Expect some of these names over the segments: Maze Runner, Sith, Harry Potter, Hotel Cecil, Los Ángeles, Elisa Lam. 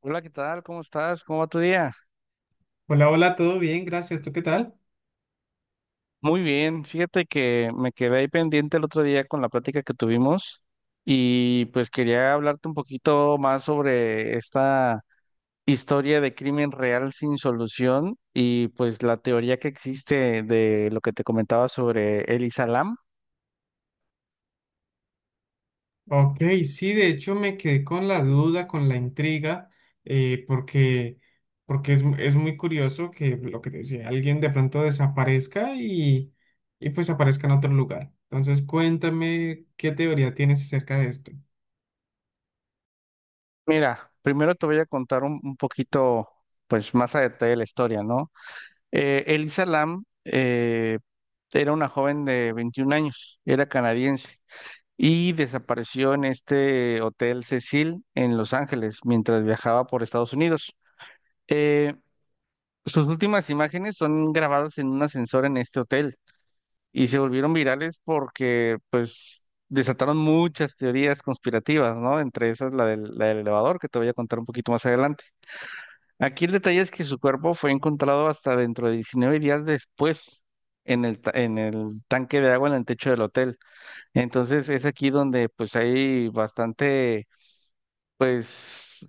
Hola, ¿qué tal? ¿Cómo estás? ¿Cómo va tu día? Hola, hola, todo bien, gracias. ¿Tú qué tal? Muy bien. Fíjate que me quedé ahí pendiente el otro día con la plática que tuvimos y pues quería hablarte un poquito más sobre esta historia de crimen real sin solución y pues la teoría que existe de lo que te comentaba sobre Elisa Lam. Ok, sí, de hecho me quedé con la duda, con la intriga, eh, porque, porque es, es muy curioso que lo que te decía, alguien de pronto desaparezca y pues aparezca en otro lugar. Entonces, cuéntame qué teoría tienes acerca de esto. Mira, primero te voy a contar un poquito pues más a detalle la historia, ¿no? Elisa Lam era una joven de 21 años, era canadiense, y desapareció en este Hotel Cecil en Los Ángeles mientras viajaba por Estados Unidos. Eh, Sus últimas imágenes son grabadas en un ascensor en este hotel y se volvieron virales porque pues desataron muchas teorías conspirativas, ¿no? Entre esas la del elevador, que te voy a contar un poquito más adelante. Aquí el detalle es que su cuerpo fue encontrado hasta dentro de 19 días después, en en el tanque de agua en el techo del hotel. Entonces es aquí donde pues hay bastante. Pues,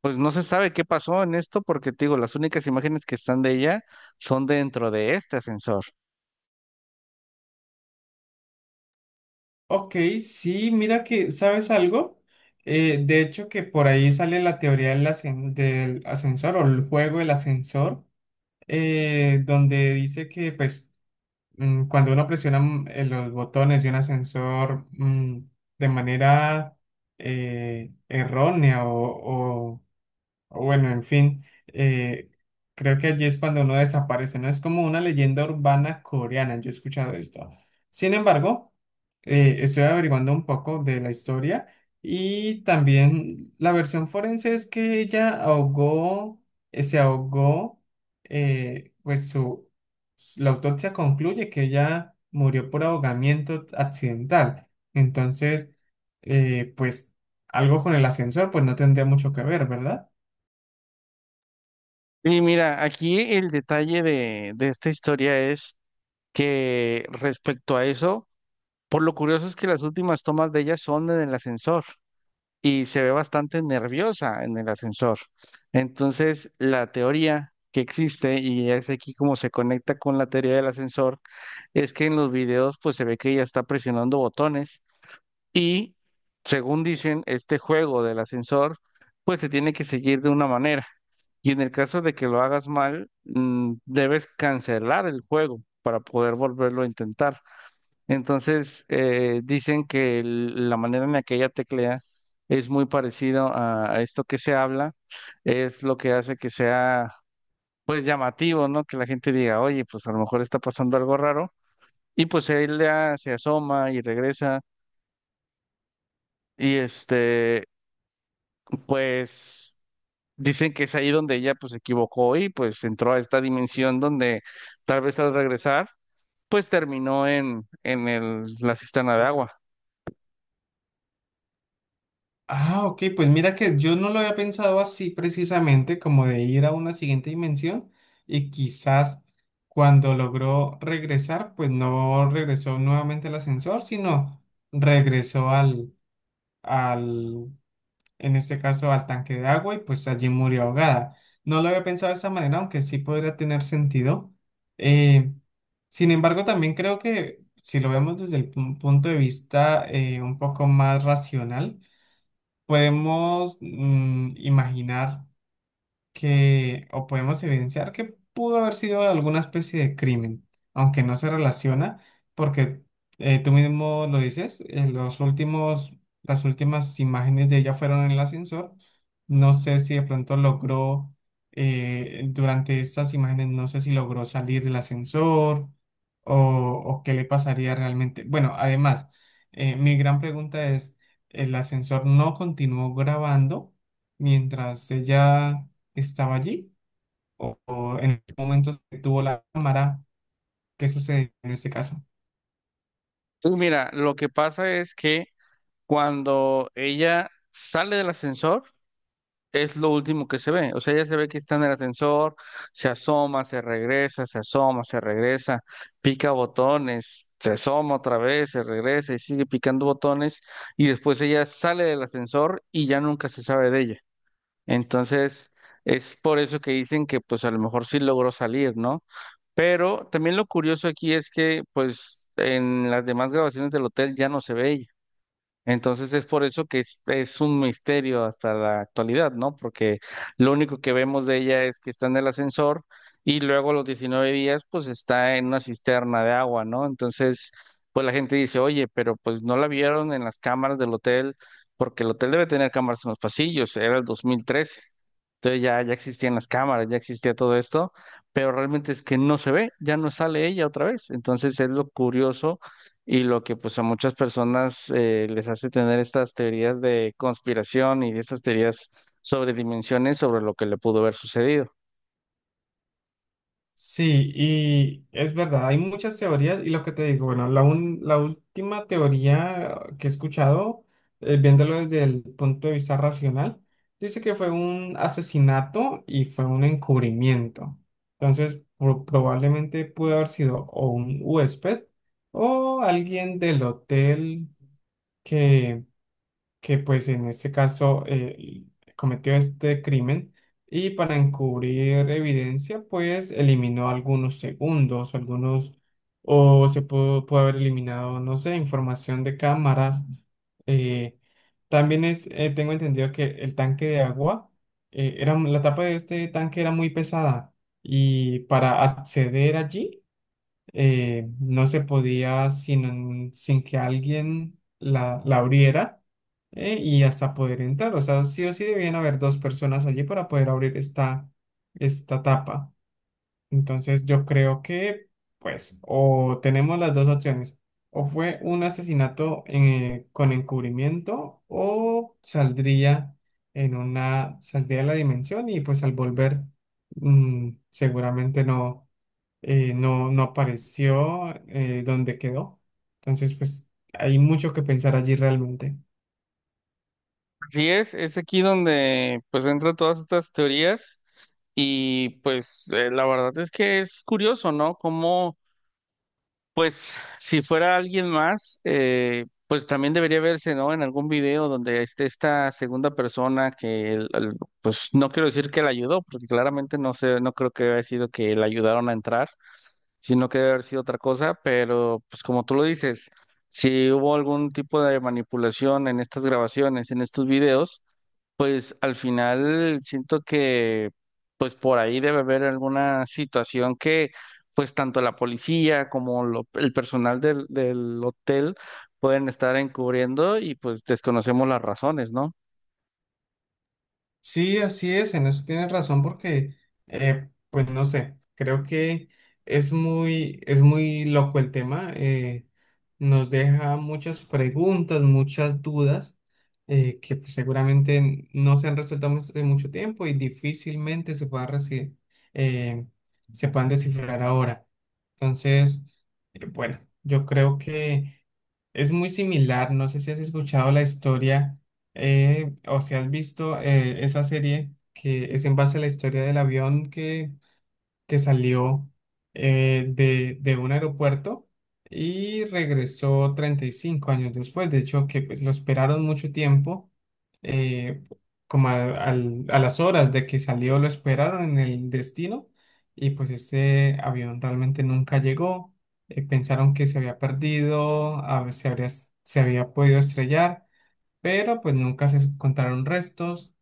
pues no se sabe qué pasó en esto porque, te digo, las únicas imágenes que están de ella son dentro de este ascensor. Ok, sí, mira que, ¿sabes algo? De hecho, que por ahí sale la teoría del ascensor o el juego del ascensor, donde dice que pues cuando uno presiona los botones de un ascensor, de manera errónea o bueno, en fin, creo que allí es cuando uno desaparece, ¿no? Es como una leyenda urbana coreana, yo he escuchado esto. Sin embargo, estoy averiguando un poco de la historia y también la versión forense es que ella ahogó, se ahogó, eh, pues su, la autopsia concluye que ella murió por ahogamiento accidental. Entonces, pues algo con el ascensor, pues no tendría mucho que ver, ¿verdad? Y mira, aquí el detalle de esta historia es que, respecto a eso, por lo curioso es que las últimas tomas de ella son en el ascensor y se ve bastante nerviosa en el ascensor. Entonces, la teoría que existe, y es aquí como se conecta con la teoría del ascensor, es que en los videos pues se ve que ella está presionando botones. Y según dicen, este juego del ascensor pues se tiene que seguir de una manera, y en el caso de que lo hagas mal, debes cancelar el juego para poder volverlo a intentar. Entonces, dicen que la manera en la que ella teclea es muy parecido a esto que se habla, es lo que hace que sea, pues, llamativo, ¿no? Que la gente diga, oye, pues a lo mejor está pasando algo raro. Y pues ella se asoma y regresa. Y pues dicen que es ahí donde ella pues se equivocó y pues entró a esta dimensión donde tal vez al regresar pues terminó en el, la cisterna de agua. Ah, ok, pues mira que yo no lo había pensado así precisamente, como de ir a una siguiente dimensión y quizás cuando logró regresar, pues no regresó nuevamente al ascensor, sino regresó al, en este caso, al tanque de agua y pues allí murió ahogada. No lo había pensado de esa manera, aunque sí podría tener sentido. Eh, Sin embargo, también creo que si lo vemos desde el punto de vista un poco más racional, podemos imaginar que, o podemos evidenciar que pudo haber sido alguna especie de crimen, aunque no se relaciona, porque, tú mismo lo dices. Las últimas imágenes de ella fueron en el ascensor. No sé si de pronto logró, durante estas imágenes, no sé si logró salir del ascensor o qué le pasaría realmente. Bueno, además, mi gran pregunta es, ¿el ascensor no continuó grabando mientras ella estaba allí o, o en- tuvo la cámara? ¿Qué sucede en este caso? Entonces, mira, lo que pasa es que cuando ella sale del ascensor, es lo último que se ve. O sea, ya se ve que está en el ascensor, se asoma, se regresa, se asoma, se regresa, pica botones, se asoma otra vez, se regresa y sigue picando botones, y después ella sale del ascensor y ya nunca se sabe de ella. Entonces, es por eso que dicen que pues a lo mejor sí logró salir, ¿no? Pero también lo curioso aquí es que pues en las demás grabaciones del hotel ya no se ve ella. Entonces es por eso que es un misterio hasta la actualidad, ¿no? Porque lo único que vemos de ella es que está en el ascensor y luego a los 19 días pues está en una cisterna de agua, ¿no? Entonces pues la gente dice, oye, pero pues no la vieron en las cámaras del hotel porque el hotel debe tener cámaras en los pasillos, era el 2013. Entonces ya existían las cámaras, ya existía todo esto, pero realmente es que no se ve, ya no sale ella otra vez. Entonces es lo curioso y lo que pues a muchas personas les hace tener estas teorías de conspiración y estas teorías sobre dimensiones, sobre lo que le pudo haber sucedido. Sí, y es verdad, hay muchas teorías y lo que te digo, bueno, la última teoría que he escuchado, viéndolo desde el punto de vista racional, dice que fue un asesinato y fue un encubrimiento. Entonces, probablemente pudo haber sido o un huésped o alguien del hotel que que pues en este caso cometió este crimen y para encubrir evidencia pues eliminó algunos segundos, algunos o se pudo, pudo haber eliminado, no sé, información de cámaras. Eh, También es, tengo entendido que el tanque de agua, la tapa de este tanque era muy pesada y para acceder allí, no se podía sin que alguien la abriera y hasta poder entrar. O sea, sí o sí debían haber dos personas allí para poder abrir esta, esta tapa. Entonces yo creo que, pues, o tenemos las dos opciones. O fue un asesinato con encubrimiento o saldría en una, saldría de la dimensión y pues al volver, seguramente no, no apareció dónde quedó. Entonces, pues hay mucho que pensar allí realmente. Así es aquí donde pues entran todas estas teorías y pues la verdad es que es curioso, ¿no? Como pues si fuera alguien más, pues también debería verse, ¿no? En algún video donde esté esta segunda persona que pues no quiero decir que la ayudó, porque claramente no sé, no creo que haya sido que la ayudaron a entrar, sino que debe haber sido otra cosa, pero pues como tú lo dices, si hubo algún tipo de manipulación en estas grabaciones, en estos videos, pues al final siento que pues por ahí debe haber alguna situación que pues tanto la policía como el personal del hotel pueden estar encubriendo y pues desconocemos las razones, ¿no? Sí, así es, en eso tienes razón porque, pues no sé, creo que es muy loco el tema, nos deja muchas preguntas, muchas dudas, que pues, seguramente no se han resuelto hace mucho tiempo y difícilmente se eh, se puedan descifrar ahora. Entonces, bueno, yo creo que es muy similar, no sé si has escuchado la historia, o si has visto esa serie que es en base a la historia del avión que salió de un aeropuerto y regresó 35 años después. De hecho, que pues, lo esperaron mucho tiempo, eh, a las horas de que salió, lo esperaron en el destino y pues este avión realmente nunca llegó. Pensaron que se había perdido, se había podido estrellar, pero pues nunca se encontraron restos.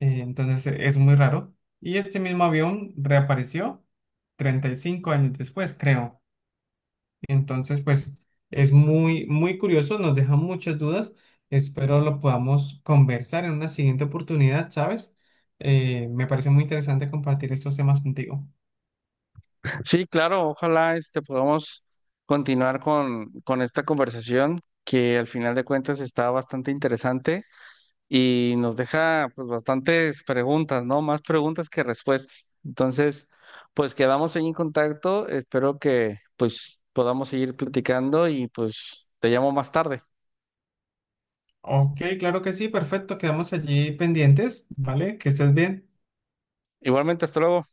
Es muy raro. Y este mismo avión reapareció 35 años después, creo. Entonces, pues es muy, muy curioso, nos deja muchas dudas. Espero lo podamos conversar en una siguiente oportunidad, ¿sabes? Me parece muy interesante compartir estos temas contigo. Sí, claro, ojalá este podamos continuar con esta conversación que al final de cuentas está bastante interesante y nos deja pues bastantes preguntas, ¿no? Más preguntas que respuestas. Entonces, pues quedamos ahí en contacto, espero que pues podamos seguir platicando y pues te llamo más tarde. Ok, claro que sí, perfecto, quedamos allí pendientes, ¿vale? Que estés bien. Igualmente, hasta luego.